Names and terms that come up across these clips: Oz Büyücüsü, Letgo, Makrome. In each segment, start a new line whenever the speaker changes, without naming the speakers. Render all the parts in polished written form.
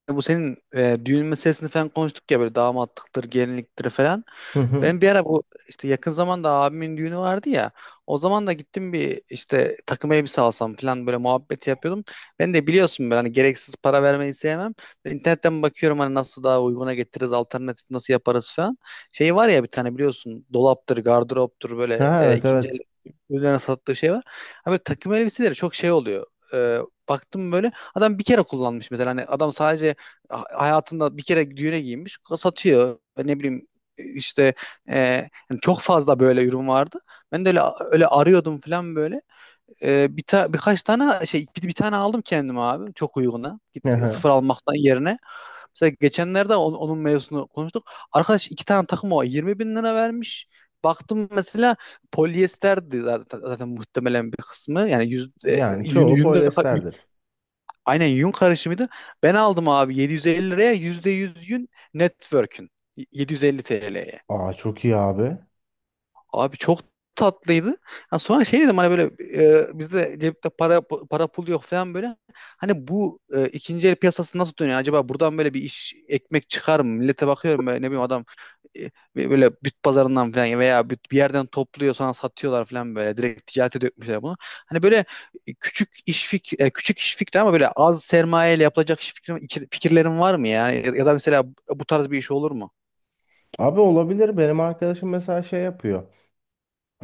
İşte bu senin düğün meselesini falan konuştuk ya, böyle damatlıktır, gelinliktir falan.
Hı hı.
Ben bir ara bu işte yakın zamanda abimin düğünü vardı ya. O zaman da gittim bir işte takım elbise alsam falan böyle muhabbeti yapıyordum. Ben de biliyorsun, ben hani gereksiz para vermeyi sevmem. Ben internetten bakıyorum hani nasıl daha uyguna getiririz, alternatif nasıl yaparız falan. Şey var ya, bir tane biliyorsun, dolaptır, gardıroptur böyle
Ha, evet
ikinci el
evet.
üzerine sattığı şey var. Abi takım elbiseleri çok şey oluyor. E, Baktım böyle adam bir kere kullanmış mesela, hani adam sadece hayatında bir kere düğüne giymiş satıyor, ne bileyim işte e, yani çok fazla böyle ürün vardı. Ben de öyle öyle arıyordum falan böyle. Birkaç tane şey, bir tane aldım kendime abi, çok uyguna. Git
Hı
sıfır
hı.
almaktan yerine. Mesela geçenlerde onun mevzusunu konuştuk. Arkadaş iki tane takım o 20 bin lira vermiş. Baktım mesela polyesterdi, zaten muhtemelen bir kısmı. Yani yüzde,
Yani
yün,
çoğu
yünde,
polyester.
aynen yün karışımıydı. Ben aldım abi 750 liraya %100 yün network'ün. 750 TL'ye.
Aa, çok iyi abi.
Abi çok tatlıydı. Ya sonra şey dedim hani böyle bizde cepte para pul yok falan böyle. Hani bu ikinci el piyasası nasıl dönüyor? Yani acaba buradan böyle bir iş, ekmek çıkar mı? Millete bakıyorum, böyle ne bileyim adam e, böyle büt pazarından falan veya büt bir yerden topluyor, sonra satıyorlar falan böyle. Direkt ticarete dökmüşler bunu. Hani böyle küçük iş fikri ama böyle az sermayeyle yapılacak iş fikri, fikirlerin var mı yani? Ya da mesela bu tarz bir iş olur mu?
Abi olabilir. Benim arkadaşım mesela şey yapıyor.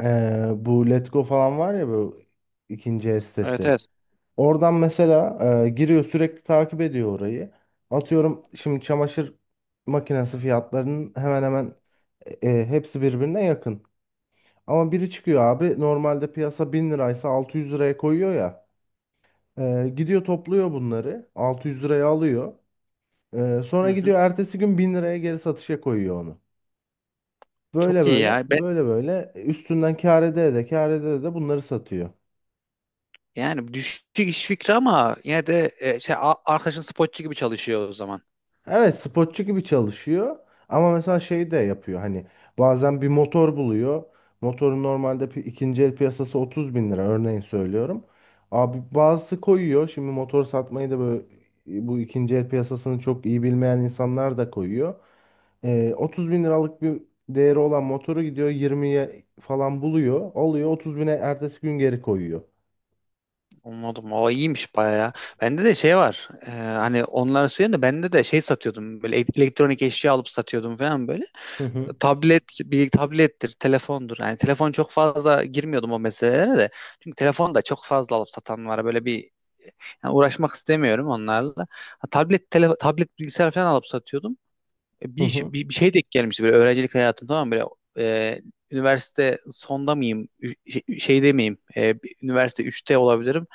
Bu Letgo falan var ya, bu ikinci el
Evet,
sitesi.
evet.
Oradan mesela giriyor, sürekli takip ediyor orayı. Atıyorum, şimdi çamaşır makinesi fiyatlarının hemen hemen hepsi birbirine yakın. Ama biri çıkıyor abi, normalde piyasa 1.000 liraysa 600 liraya koyuyor ya. Gidiyor topluyor bunları. 600 liraya alıyor. Sonra
Hı hı.
gidiyor ertesi gün 1.000 liraya geri satışa koyuyor onu. Böyle
Çok iyi
böyle
ya. Ben
böyle böyle üstünden kâr ede de kâr ede de bunları satıyor.
yani düşük iş fikri, ama yine de arkadaşın spotçu gibi çalışıyor o zaman.
Evet, spotçu gibi çalışıyor ama mesela şey de yapıyor, hani bazen bir motor buluyor. Motorun normalde ikinci el piyasası 30 bin lira, örneğin söylüyorum. Abi bazısı koyuyor şimdi motor satmayı da böyle, bu ikinci el piyasasını çok iyi bilmeyen insanlar da koyuyor. 30 bin liralık bir değeri olan motoru gidiyor 20'ye falan buluyor, alıyor, 30 bine ertesi gün geri koyuyor.
Anladım. O iyiymiş bayağı ya. Bende de şey var. Hani onları söyleyeyim de, bende de şey satıyordum. Böyle elektronik eşya alıp satıyordum falan böyle.
Hı hı
Tablet, bir tablettir, telefondur. Yani telefon çok fazla girmiyordum o meselelere de. Çünkü telefon da çok fazla alıp satan var. Böyle bir, yani uğraşmak istemiyorum onlarla. Ha, tablet bilgisayar falan alıp satıyordum. E, Bir,
hı
iş-
hı
bir, bir şey denk gelmişti böyle, öğrencilik hayatım, tamam mı? Böyle e, üniversite sonda mıyım? Şeyde miyim? Üniversite üçte olabilirim.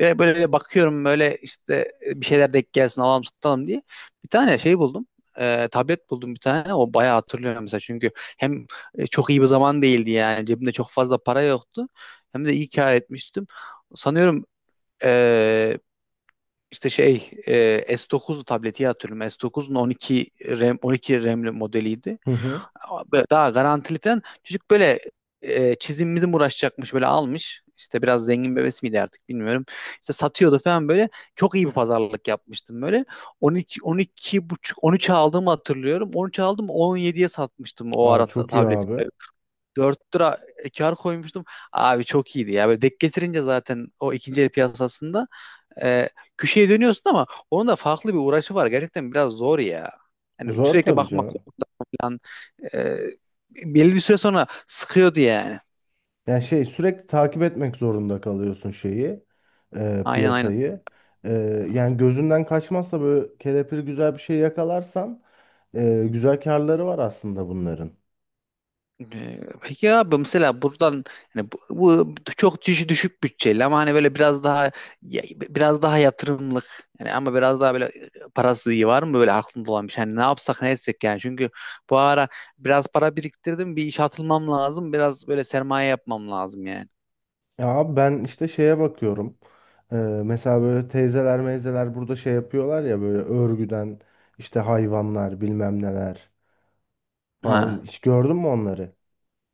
Böyle bakıyorum böyle işte bir şeyler denk gelsin, alalım satalım diye. Bir tane şey buldum. Tablet buldum bir tane. O bayağı hatırlıyorum mesela. Çünkü hem çok iyi bir zaman değildi yani. Cebimde çok fazla para yoktu. Hem de iyi kâr etmiştim. Sanıyorum e, işte şey, S9 tableti hatırlıyorum. S9'un 12 RAM, 12 RAM'li modeliydi.
hı. Hı.
Böyle daha garantiliden çocuk böyle çizimimizin uğraşacakmış böyle almış. İşte biraz zengin bebesi miydi, artık bilmiyorum. İşte satıyordu falan böyle. Çok iyi bir pazarlık yapmıştım böyle. 12, 12 buçuk, 13 aldığımı hatırlıyorum. 13 aldım, 17'ye satmıştım o
Aa,
ara
çok iyi
tableti.
abi.
4 lira kar koymuştum. Abi çok iyiydi ya. Böyle denk getirince zaten, o ikinci el piyasasında e, köşeye dönüyorsun, ama onun da farklı bir uğraşı var. Gerçekten biraz zor ya. Yani
Zor
sürekli
tabii
bakmak
canım.
zorunda falan. E, Belli bir süre sonra sıkıyordu yani.
Yani şey, sürekli takip etmek zorunda kalıyorsun şeyi,
Aynen, aynen.
piyasayı. E, Yani gözünden kaçmazsa, böyle kelepir güzel bir şey yakalarsan güzel karları var aslında bunların.
Peki abi, mesela buradan, yani bu çok düşük bütçeli, ama hani böyle biraz daha biraz daha yatırımlık yani, ama biraz daha böyle parası iyi var mı böyle aklında olan bir şey? Hani ne yapsak ne etsek yani, çünkü bu ara biraz para biriktirdim, bir işe atılmam lazım, biraz böyle sermaye yapmam lazım yani.
Ya abi, ben işte şeye bakıyorum. Mesela böyle teyzeler meyzeler burada şey yapıyorlar ya, böyle örgüden işte hayvanlar bilmem neler falan.
Ha.
Hiç gördün mü onları?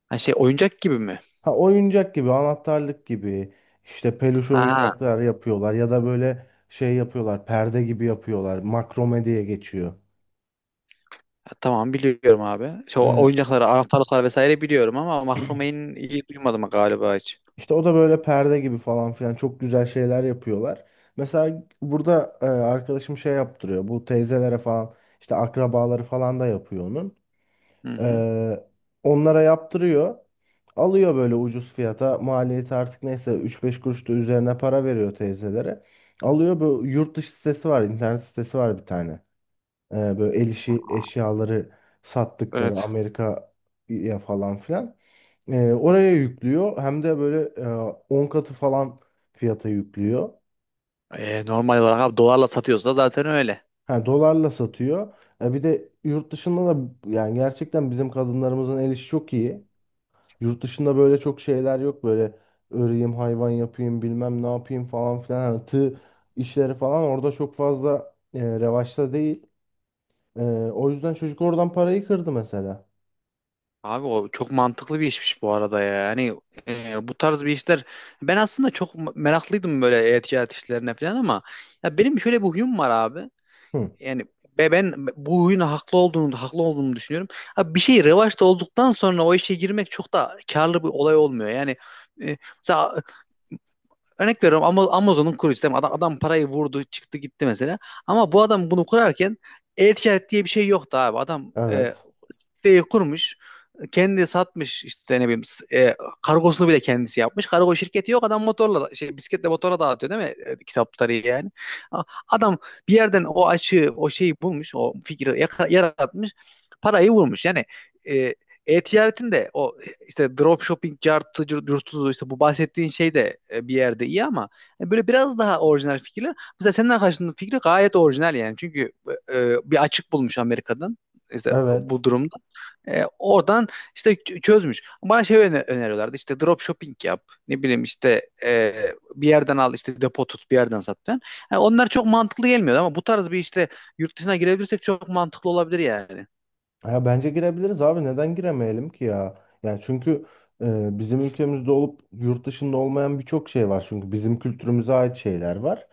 Ha, şey oyuncak gibi mi?
Ha, oyuncak gibi, anahtarlık gibi, işte peluş
Ha, ha.
oyuncaklar yapıyorlar, ya da böyle şey yapıyorlar, perde gibi yapıyorlar. Makrome diye geçiyor.
Tamam, biliyorum abi. Şu
Ee,
oyuncakları, anahtarlıkları vesaire biliyorum, ama mahrumeyin iyi duymadım galiba hiç.
işte o da böyle perde gibi falan filan, çok güzel şeyler yapıyorlar. Mesela burada arkadaşım şey yaptırıyor. Bu teyzelere falan, işte akrabaları falan da yapıyor onun.
Hı hı.
Ee, Onlara yaptırıyor. Alıyor böyle ucuz fiyata. Maliyeti artık neyse, üç beş kuruş da üzerine para veriyor teyzelere. Alıyor, böyle yurt dışı sitesi var, internet sitesi var bir tane. Böyle el işi eşyaları sattıkları
Evet.
Amerika'ya falan filan. Oraya yüklüyor. Hem de böyle 10 katı falan fiyata yüklüyor.
Normal olarak abi, dolarla satıyorsa zaten öyle.
Ha, dolarla satıyor. Bir de yurt dışında da, yani gerçekten bizim kadınlarımızın el işi çok iyi. Yurt dışında böyle çok şeyler yok, böyle öreyim, hayvan yapayım, bilmem ne yapayım falan filan, hani tığ işleri falan orada çok fazla revaçta değil. E, O yüzden çocuk oradan parayı kırdı mesela.
Abi o çok mantıklı bir işmiş bu arada ya. Yani bu tarz bir işler, ben aslında çok meraklıydım böyle e-ticaret işlerine falan, ama ya benim şöyle bir huyum var abi.
Hı,
Yani ben bu oyuna haklı olduğumu düşünüyorum. Abi bir şey revaçta olduktan sonra o işe girmek çok da karlı bir olay olmuyor. Yani mesela, örnek veriyorum, Amazon'un kurucusu değil. Adam parayı vurdu, çıktı gitti mesela. Ama bu adam bunu kurarken e-ticaret diye bir şey yoktu abi. Adam
evet.
siteyi kurmuş. Kendi satmış işte, ne bileyim kargosunu bile kendisi yapmış. Kargo şirketi yok, adam motorla, şey, bisikletle, motora dağıtıyor değil mi kitapları yani. Adam bir yerden o açığı, o şeyi bulmuş, o fikri yaratmış, parayı vurmuş. Yani e, e-ticaretin de o işte dropshipping cartı yurtudu, işte bu bahsettiğin şey de bir yerde iyi, ama hani böyle biraz daha orijinal fikirler. Mesela senden karşındaki fikri gayet orijinal yani. Çünkü bir açık bulmuş Amerika'dan işte,
Evet.
bu durumda. Oradan işte çözmüş. Bana şey öneriyorlardı, işte dropshipping yap. Ne bileyim işte bir yerden al, işte depo tut, bir yerden sat falan. Yani onlar çok mantıklı gelmiyordu, ama bu tarz bir işte yurt dışına girebilirsek çok mantıklı olabilir yani.
Ya bence girebiliriz abi, neden giremeyelim ki ya? Yani çünkü bizim ülkemizde olup yurt dışında olmayan birçok şey var. Çünkü bizim kültürümüze ait şeyler var.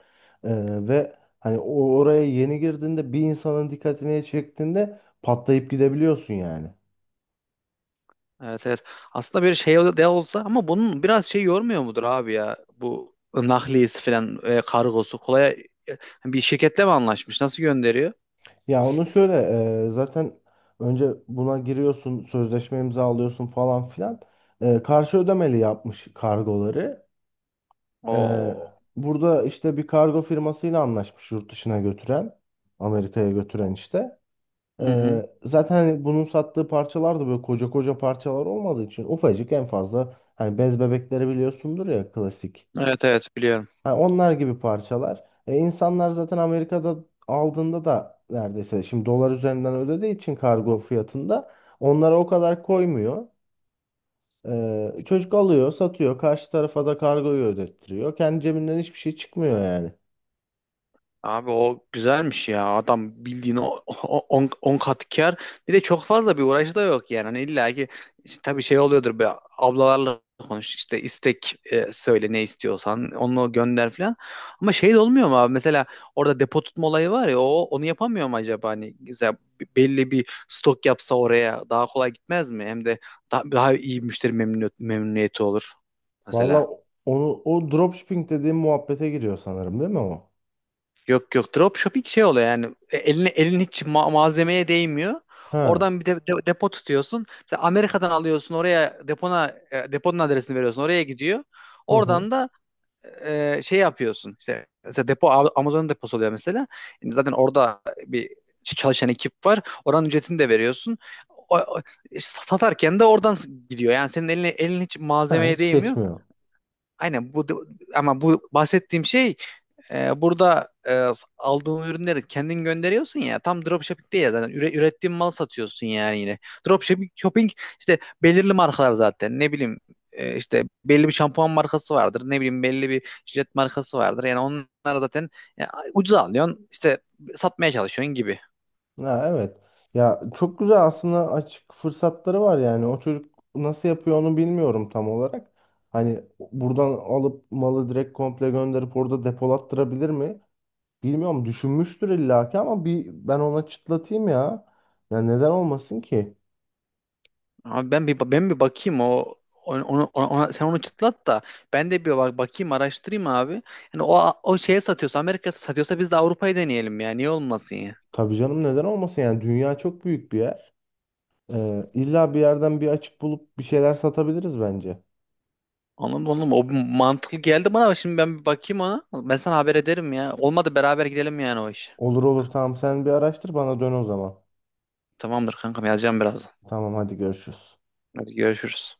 E, Ve hani o oraya yeni girdiğinde, bir insanın dikkatini çektiğinde patlayıp gidebiliyorsun yani.
Evet, evet. Aslında bir şey de olsa, ama bunun biraz şey yormuyor mudur abi ya? Bu nakliyesi falan, kargosu kolay, bir şirketle mi anlaşmış? Nasıl gönderiyor?
Ya onu şöyle, zaten önce buna giriyorsun, sözleşme imzalıyorsun falan filan. Karşı ödemeli yapmış kargoları. E,
Oo.
Burada işte bir kargo firmasıyla anlaşmış yurt dışına götüren, Amerika'ya götüren işte.
Hı hı.
Zaten hani bunun sattığı parçalar da böyle koca koca parçalar olmadığı için, ufacık en fazla, hani bez bebekleri biliyorsundur ya, klasik.
Evet, evet, biliyorum.
Ha, onlar gibi parçalar. İnsanlar zaten Amerika'da aldığında da neredeyse, şimdi dolar üzerinden ödediği için kargo fiyatında onlara o kadar koymuyor. Çocuk alıyor, satıyor. Karşı tarafa da kargoyu ödettiriyor. Kendi cebinden hiçbir şey çıkmıyor yani.
Abi o güzelmiş ya. Adam bildiğin 10 kat kâr. Bir de çok fazla bir uğraşı da yok yani. Hani illa ki işte tabii şey oluyordur, be ablalarla konuş işte, istek söyle, ne istiyorsan onu gönder falan. Ama şey de olmuyor mu abi? Mesela orada depo tutma olayı var ya, o onu yapamıyor mu acaba? Hani güzel, belli bir stok yapsa oraya, daha kolay gitmez mi? Hem de daha iyi müşteri memnuniyeti olur mesela.
Valla, onu o dropshipping dediğim muhabbete giriyor sanırım, değil mi o?
Yok, yok, dropshipping şey oluyor yani. Elin hiç malzemeye değmiyor.
Ha.
Oradan bir depo tutuyorsun. Mesela Amerika'dan alıyorsun, oraya depona, deponun adresini veriyorsun, oraya gidiyor.
Hı hı.
Oradan da şey yapıyorsun. İşte mesela depo, Amazon'un deposu oluyor mesela. Yani zaten orada bir çalışan ekip var. Oranın ücretini de veriyorsun. O, o- Satarken de oradan gidiyor. Yani senin elin hiç
Ha,
malzemeye
hiç
değmiyor.
geçmiyor.
Aynen bu, ama bu bahsettiğim şey burada aldığın ürünleri kendin gönderiyorsun ya, tam dropshipping değil ya, zaten ürettiğin mal satıyorsun yani yine. Dropshipping shopping işte, belirli markalar zaten, ne bileyim işte belli bir şampuan markası vardır, ne bileyim belli bir jilet markası vardır, yani onlar zaten ya, ucuza alıyorsun işte, satmaya çalışıyorsun gibi.
Ha, evet. Ya çok güzel aslında, açık fırsatları var yani. O çocuk nasıl yapıyor onu bilmiyorum tam olarak. Hani buradan alıp malı direkt komple gönderip orada depolattırabilir mi? Bilmiyorum, düşünmüştür illaki, ama bir ben ona çıtlatayım ya. Ya neden olmasın ki?
Ama ben bir bakayım o, sen onu çıtlat da, ben de bir bakayım, araştırayım abi. Yani o şeye satıyorsa, Amerika satıyorsa, biz de Avrupa'yı deneyelim ya. Niye olmasın ya?
Tabii canım, neden olmasın, yani dünya çok büyük bir yer. İlla bir yerden bir açık bulup bir şeyler satabiliriz bence.
Anladım, anladım. O mantıklı geldi bana. Ama şimdi ben bir bakayım ona. Ben sana haber ederim ya. Olmadı beraber gidelim yani o iş.
Olur olur, tamam, sen bir araştır bana dön o zaman.
Tamamdır kankam, yazacağım birazdan.
Tamam, hadi görüşürüz.
Hadi görüşürüz.